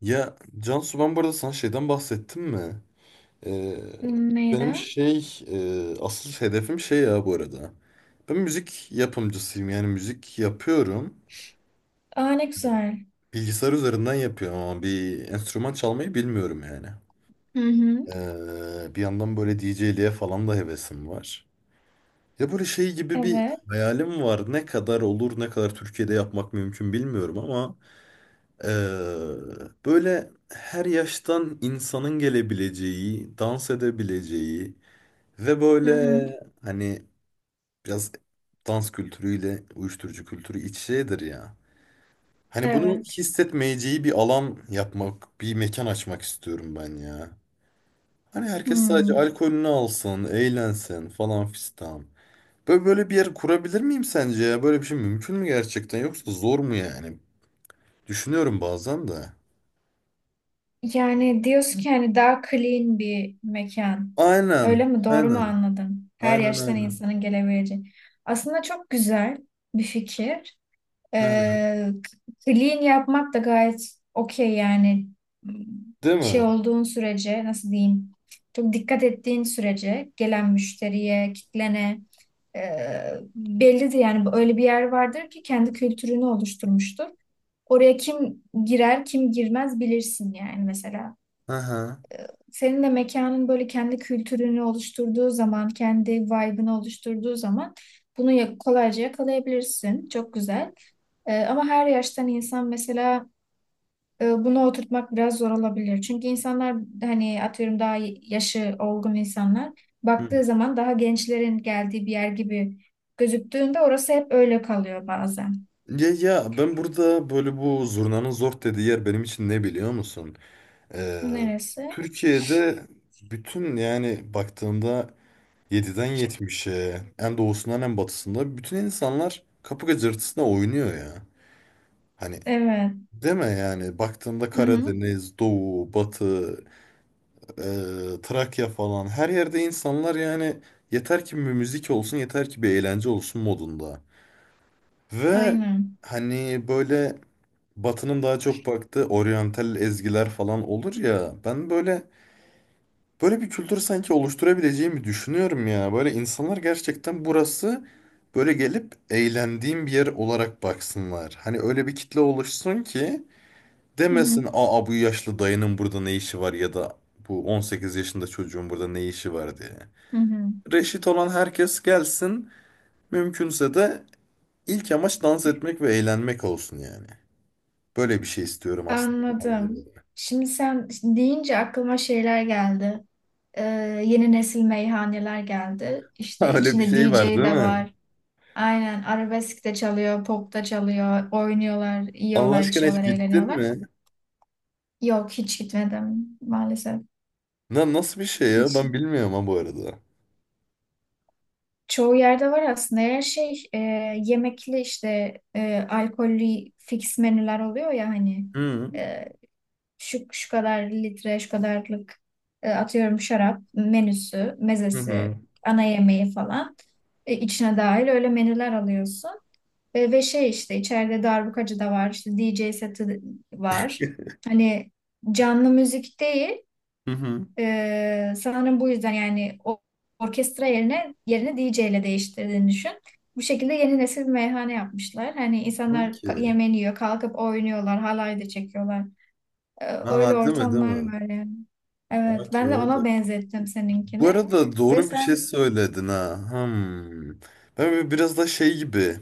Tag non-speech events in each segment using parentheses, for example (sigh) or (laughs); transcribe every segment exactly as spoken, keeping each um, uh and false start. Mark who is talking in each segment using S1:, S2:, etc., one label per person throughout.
S1: Ya Cansu ben bu arada sana şeyden bahsettim mi? Ee,
S2: Hmm,
S1: benim
S2: Neyden?
S1: şey e, asıl hedefim şey ya bu arada. Ben müzik yapımcısıyım yani müzik yapıyorum.
S2: Aa ne güzel.
S1: Bilgisayar üzerinden yapıyorum ama bir enstrüman çalmayı bilmiyorum yani.
S2: Hı hı.
S1: Ee, bir yandan böyle D J'liğe falan da hevesim var. Ya böyle şey gibi bir
S2: Evet.
S1: hayalim var. Ne kadar olur, ne kadar Türkiye'de yapmak mümkün bilmiyorum ama Eee, böyle her yaştan insanın gelebileceği, dans edebileceği ve
S2: Hı
S1: böyle
S2: hı.
S1: hani biraz dans kültürüyle uyuşturucu kültürü iç şeydir ya. Hani bunu
S2: Evet.
S1: hissetmeyeceği bir alan yapmak, bir mekan açmak istiyorum ben ya. Hani herkes sadece
S2: Hmm.
S1: alkolünü alsın, eğlensin falan fistan. Böyle böyle bir yer kurabilir miyim sence ya? Böyle bir şey mümkün mü gerçekten yoksa zor mu yani? Düşünüyorum bazen de.
S2: Yani diyorsun ki hani daha clean bir mekan. Öyle
S1: Aynen,
S2: mi? Doğru mu
S1: aynen.
S2: anladım? Her
S1: Aynen
S2: yaştan
S1: aynen.
S2: insanın gelebileceği. Aslında çok güzel bir fikir.
S1: Ha,
S2: Ee, Clean yapmak da gayet okey yani
S1: değil
S2: şey
S1: mi?
S2: olduğun sürece nasıl diyeyim çok dikkat ettiğin sürece gelen müşteriye, kitlene e, bellidir yani öyle bir yer vardır ki kendi kültürünü oluşturmuştur. Oraya kim girer, kim girmez bilirsin yani mesela.
S1: Aha.
S2: Senin de mekanın böyle kendi kültürünü oluşturduğu zaman, kendi vibe'ını oluşturduğu zaman bunu ya- kolayca yakalayabilirsin. Çok güzel. Ee, ama her yaştan insan mesela e, bunu oturtmak biraz zor olabilir. Çünkü insanlar hani atıyorum daha yaşı olgun insanlar
S1: Hı.
S2: baktığı zaman daha gençlerin geldiği bir yer gibi gözüktüğünde orası hep öyle kalıyor bazen.
S1: Ya ya ben burada böyle bu zurnanın zor dediği yer benim için ne biliyor musun? Ee,
S2: Neresi?
S1: Türkiye'de bütün yani baktığında yediden yetmiş'e en doğusundan en batısında bütün insanlar kapı gıcırtısına oynuyor ya. Hani
S2: Evet.
S1: deme yani baktığında
S2: Hı hı.
S1: Karadeniz, Doğu, Batı, e, Trakya falan her yerde insanlar yani yeter ki bir müzik olsun yeter ki bir eğlence olsun modunda. Ve
S2: Aynen.
S1: hani böyle Batı'nın daha çok baktığı oryantal ezgiler falan olur ya. Ben böyle böyle bir kültür sanki oluşturabileceğimi düşünüyorum ya. Böyle insanlar gerçekten burası böyle gelip eğlendiğim bir yer olarak baksınlar. Hani öyle bir kitle oluşsun ki
S2: Hı hı.
S1: demesin aa bu yaşlı dayının burada ne işi var ya da bu on sekiz yaşında çocuğun burada ne işi var diye.
S2: Hı hı.
S1: Reşit olan herkes gelsin mümkünse de ilk amaç dans etmek ve eğlenmek olsun yani. Böyle bir şey istiyorum aslında. Daha
S2: Anladım.
S1: ziyade.
S2: Şimdi sen deyince aklıma şeyler geldi. Ee, Yeni nesil meyhaneler geldi.
S1: (laughs)
S2: İşte
S1: Öyle bir
S2: içinde
S1: şey var
S2: D J
S1: değil
S2: de
S1: mi?
S2: var. Aynen arabesk de çalıyor, pop da çalıyor, oynuyorlar,
S1: Allah
S2: yiyorlar,
S1: aşkına hiç
S2: içiyorlar,
S1: gittin
S2: eğleniyorlar.
S1: mi?
S2: Yok hiç gitmedim maalesef.
S1: Na, nasıl bir şey ya?
S2: Hiç.
S1: Ben bilmiyorum ha bu arada.
S2: Çoğu yerde var aslında. Her şey e, yemekli işte e, alkollü fix menüler oluyor ya hani
S1: Hı
S2: e, şu, şu kadar litre, şu kadarlık e, atıyorum şarap menüsü,
S1: hı
S2: mezesi,
S1: hı
S2: ana yemeği falan e, içine dahil öyle menüler alıyorsun. E, ve şey işte içeride darbukacı da var, işte D J seti var. Hani canlı müzik değil,
S1: hı. Hı.
S2: e, sanırım bu yüzden yani o- orkestra yerine yerini D J ile değiştirdiğini düşün. Bu şekilde yeni nesil bir meyhane yapmışlar. Hani insanlar ka-
S1: Okey.
S2: yemeğini yiyor, kalkıp oynuyorlar, halay da çekiyorlar. E, öyle
S1: Ha değil mi değil
S2: ortamlar
S1: mi?
S2: var yani. Evet, ben
S1: Okey
S2: de
S1: o da.
S2: ona benzettim
S1: Bu
S2: seninkini.
S1: arada
S2: Ve
S1: doğru bir şey
S2: sen.
S1: söyledin ha. Hmm. Ben böyle biraz da şey gibi.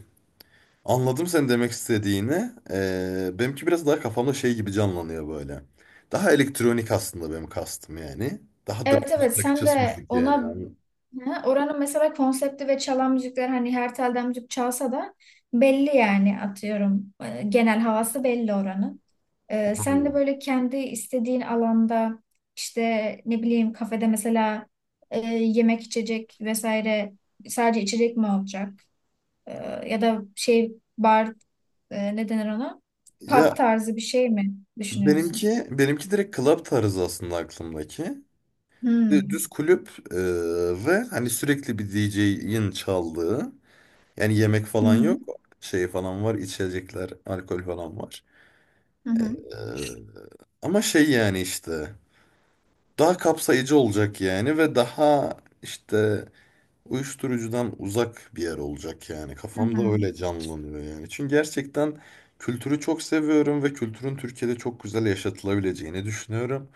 S1: Anladım senin demek istediğini. Ee, benimki biraz daha kafamda şey gibi canlanıyor böyle. Daha elektronik aslında benim kastım yani. Daha da
S2: Evet, evet, sen
S1: takıcısı
S2: de
S1: müzik
S2: ona.
S1: yani.
S2: Ha, oranın mesela konsepti ve çalan müzikler hani her telden müzik çalsa da belli yani atıyorum e, genel havası belli oranın. E, sen de
S1: Hmm.
S2: böyle kendi istediğin alanda işte ne bileyim kafede mesela e, yemek içecek vesaire sadece içecek mi olacak? E, Ya da şey bar e, ne denir ona? Pub
S1: Ya
S2: tarzı bir şey mi düşünüyorsun?
S1: benimki benimki direkt club tarzı aslında aklımdaki. Dü- Düz
S2: Hmm.
S1: kulüp e, ve hani sürekli bir D J'in çaldığı. Yani yemek
S2: Hı
S1: falan yok.
S2: hı.
S1: Şey falan var, içecekler, alkol falan var.
S2: Hı hı.
S1: E, ama şey yani işte daha kapsayıcı olacak yani ve daha işte uyuşturucudan uzak bir yer olacak yani.
S2: Hı
S1: Kafamda
S2: hı.
S1: öyle canlanıyor yani. Çünkü gerçekten kültürü çok seviyorum ve kültürün Türkiye'de çok güzel yaşatılabileceğini düşünüyorum.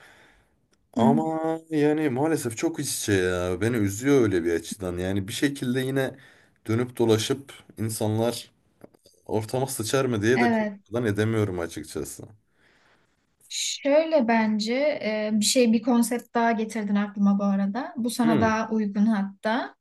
S2: Hı hı.
S1: Ama yani maalesef çok iç içe ya. Beni üzüyor öyle bir açıdan. Yani bir şekilde yine dönüp dolaşıp insanlar ortama sıçar mı diye de
S2: Evet.
S1: korkudan edemiyorum açıkçası.
S2: Şöyle bence e, bir şey bir konsept daha getirdin aklıma bu arada. Bu sana
S1: Hmm.
S2: daha uygun hatta.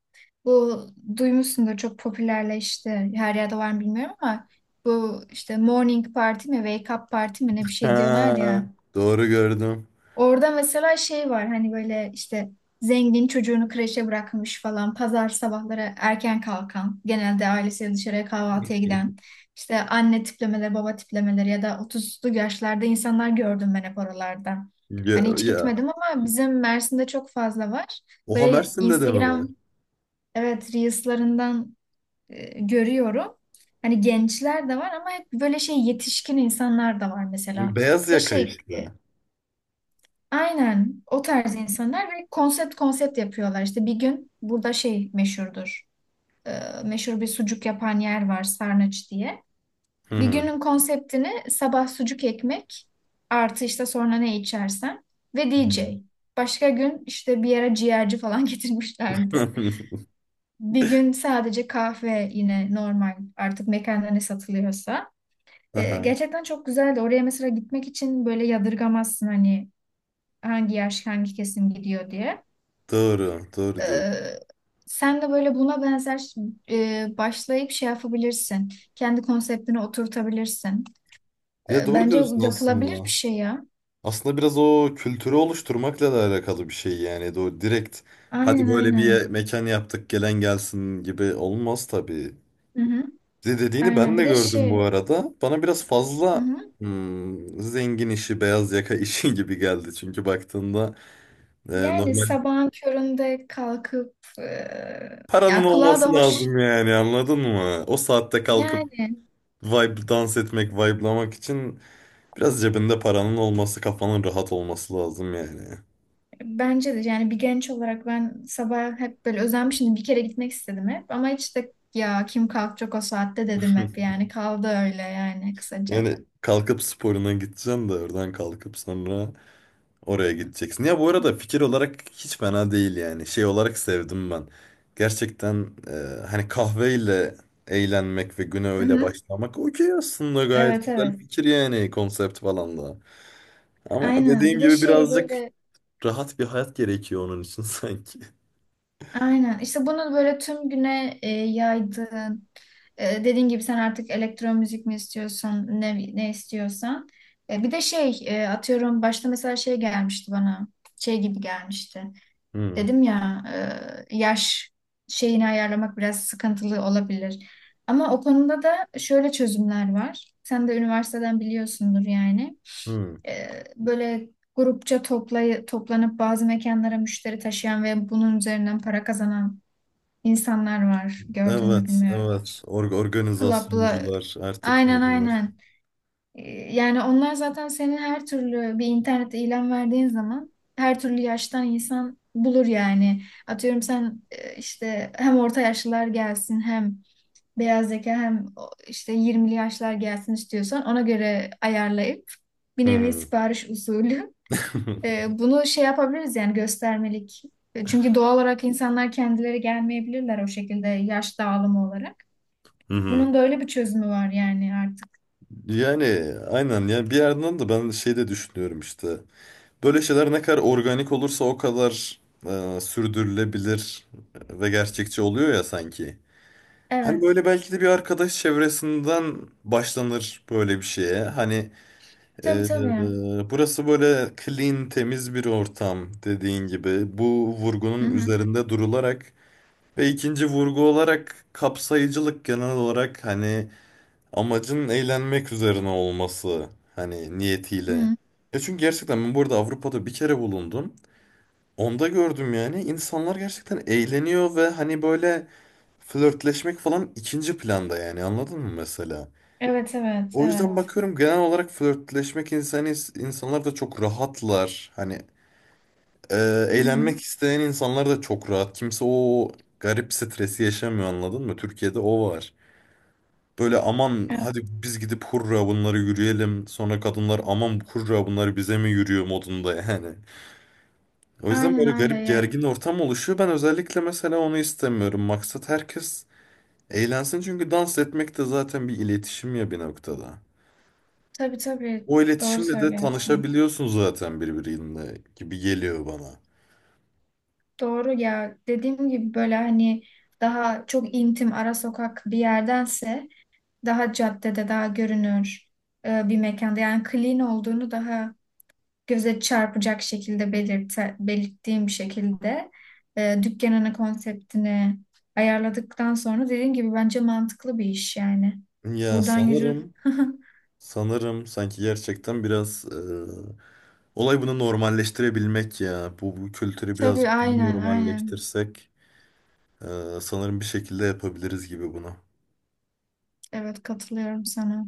S2: Bu duymuşsundur çok popülerleşti. Her yerde var mı bilmiyorum ama bu işte morning party mi wake up party mi ne bir şey diyorlar
S1: Ha,
S2: ya.
S1: doğru gördüm.
S2: Orada mesela şey var hani böyle işte zengin çocuğunu kreşe bırakmış falan pazar sabahları erken kalkan genelde ailesiyle dışarıya kahvaltıya giden işte anne tiplemeleri baba tiplemeleri ya da otuzlu yaşlarda insanlar gördüm ben hep oralarda.
S1: Ya,
S2: Hani hiç
S1: ya.
S2: gitmedim ama bizim Mersin'de çok fazla var.
S1: Oha
S2: Böyle
S1: Mersin'de de mi var?
S2: Instagram evet Reels'larından e, görüyorum. Hani gençler de var ama hep böyle şey yetişkin insanlar da var mesela.
S1: Beyaz
S2: Ve
S1: yaka
S2: şey.
S1: işte.
S2: Aynen o tarz insanlar ve konsept konsept yapıyorlar. İşte bir gün burada şey meşhurdur. Ee, meşhur bir sucuk yapan yer var Sarnıç diye.
S1: Hı
S2: Bir
S1: hı.
S2: günün konseptini sabah sucuk ekmek artı işte sonra ne içersen ve
S1: Hı
S2: D J. Başka gün işte bir yere ciğerci falan (laughs)
S1: (laughs)
S2: getirmişlerdi.
S1: hı.
S2: Bir gün sadece kahve yine normal artık mekanda ne satılıyorsa. Ee,
S1: Aha,
S2: gerçekten çok güzeldi. Oraya mesela gitmek için böyle yadırgamazsın hani hangi yaş hangi kesim gidiyor diye.
S1: doğru,
S2: Ee,
S1: doğru diyor.
S2: Sen de böyle buna benzer e, başlayıp şey yapabilirsin. Kendi konseptini oturtabilirsin.
S1: Ya
S2: Ee,
S1: doğru
S2: bence
S1: diyorsun
S2: yapılabilir bir
S1: aslında.
S2: şey ya.
S1: Aslında biraz o kültürü oluşturmakla da alakalı bir şey yani. Do direkt hadi
S2: Aynen
S1: böyle bir ye-
S2: aynen.
S1: mekan yaptık gelen gelsin gibi olmaz tabii.
S2: Hı hı.
S1: De dediğini
S2: Aynen
S1: ben
S2: bir
S1: de
S2: de
S1: gördüm bu
S2: şey.
S1: arada. Bana biraz
S2: Hı
S1: fazla
S2: hı.
S1: hmm, zengin işi, beyaz yaka işi (laughs) gibi geldi. Çünkü baktığında e,
S2: Yani
S1: normal
S2: sabahın köründe kalkıp e,
S1: paranın
S2: ya kulağa da
S1: olması
S2: hoş.
S1: lazım yani anladın mı? O saatte kalkıp
S2: Yani
S1: vibe dans etmek, vibe'lamak için biraz cebinde paranın olması, kafanın rahat olması lazım yani.
S2: bence de yani bir genç olarak ben sabah hep böyle özenmişim. Bir kere gitmek istedim hep ama hiç de ya kim kalkacak o saatte dedim
S1: (laughs)
S2: hep yani kaldı öyle yani kısaca.
S1: Yani kalkıp sporuna gideceksin de oradan kalkıp sonra oraya gideceksin. Ya bu arada fikir olarak hiç fena değil yani. Şey olarak sevdim ben. Gerçekten e, hani kahveyle eğlenmek ve güne
S2: Hı
S1: öyle
S2: hı.
S1: başlamak okey aslında gayet
S2: Evet
S1: güzel
S2: evet.
S1: fikir yani konsept falan da. Ama
S2: Aynen.
S1: dediğim
S2: Bir de
S1: gibi
S2: şey
S1: birazcık
S2: böyle
S1: rahat bir hayat gerekiyor onun için (laughs) sanki.
S2: aynen. İşte bunu böyle tüm güne e, yaydığın e, dediğin gibi sen artık elektron müzik mi istiyorsun ne ne istiyorsan. E, bir de şey e, atıyorum başta mesela şey gelmişti bana. Şey gibi gelmişti.
S1: Hmm,
S2: Dedim ya e, yaş şeyini ayarlamak biraz sıkıntılı olabilir. Ama o konuda da şöyle çözümler var. Sen de üniversiteden biliyorsundur yani.
S1: hmm.
S2: E, böyle grupça toplay toplanıp bazı mekanlara müşteri taşıyan ve bunun üzerinden para kazanan insanlar var. Gördün mü
S1: Evet,
S2: bilmiyorum
S1: evet.
S2: hiç.
S1: Or
S2: Club'la
S1: organizasyoncular artık
S2: aynen
S1: ne denir?
S2: aynen. E, Yani onlar zaten senin her türlü bir internette ilan verdiğin zaman her türlü yaştan insan bulur yani. Atıyorum sen e, işte hem orta yaşlılar gelsin hem beyaz yaka hem o- işte yirmili yaşlar gelsin istiyorsan ona göre ayarlayıp bir
S1: Hı
S2: nevi
S1: hı.
S2: sipariş usulü
S1: (laughs)
S2: e, bunu şey yapabiliriz yani göstermelik. E, Çünkü doğal olarak insanlar kendileri gelmeyebilirler o şekilde yaş dağılımı olarak.
S1: Hı hı.
S2: Bunun da öyle bir çözümü var yani artık.
S1: Yani aynen yani bir yerden de ben şey de düşünüyorum işte. Böyle şeyler ne kadar organik olursa o kadar e, sürdürülebilir ve gerçekçi oluyor ya sanki. Hani
S2: Evet.
S1: böyle belki de bir arkadaş çevresinden başlanır böyle bir şeye. Hani e,
S2: Tabii
S1: e,
S2: tabii.
S1: burası böyle clean, temiz bir ortam dediğin gibi. Bu
S2: Hı
S1: vurgunun
S2: hı.
S1: üzerinde durularak ve ikinci vurgu olarak kapsayıcılık genel olarak hani amacın eğlenmek üzerine olması hani
S2: Hı
S1: niyetiyle.
S2: hı.
S1: Ya çünkü gerçekten ben burada Avrupa'da bir kere bulundum. Onda gördüm yani insanlar gerçekten eğleniyor ve hani böyle flörtleşmek falan ikinci planda yani anladın mı mesela?
S2: Evet evet
S1: O yüzden
S2: evet.
S1: bakıyorum genel olarak flörtleşmek insanı insanlar da çok rahatlar. Hani e,
S2: Hı hı.
S1: eğlenmek isteyen insanlar da çok rahat. Kimse o garip stresi yaşamıyor anladın mı? Türkiye'de o var. Böyle aman
S2: Evet.
S1: hadi biz gidip hurra bunları yürüyelim. Sonra kadınlar aman hurra bunlar bize mi yürüyor modunda yani. O yüzden
S2: Aynen
S1: böyle
S2: öyle
S1: garip
S2: ya.
S1: gergin ortam oluşuyor. Ben özellikle mesela onu istemiyorum. Maksat herkes eğlensin çünkü dans etmek de zaten bir iletişim ya bir noktada.
S2: Tabii tabii.
S1: O
S2: Doğru
S1: iletişimle de
S2: söylüyorsun.
S1: tanışabiliyorsun zaten birbiriyle gibi geliyor bana.
S2: Doğru ya. Dediğim gibi böyle hani daha çok intim ara sokak bir yerdense daha caddede daha görünür e, bir mekanda yani clean olduğunu daha göze çarpacak şekilde belirte, belirttiğim bir şekilde e, dükkanını, konseptini ayarladıktan sonra dediğim gibi bence mantıklı bir iş yani.
S1: Ya
S2: Buradan yürü.
S1: sanırım,
S2: (laughs)
S1: sanırım sanki gerçekten biraz e, olay bunu normalleştirebilmek ya. Bu, bu kültürü biraz
S2: Tabii aynen aynen.
S1: normalleştirsek. Ee, sanırım bir şekilde yapabiliriz gibi bunu.
S2: Evet katılıyorum sana.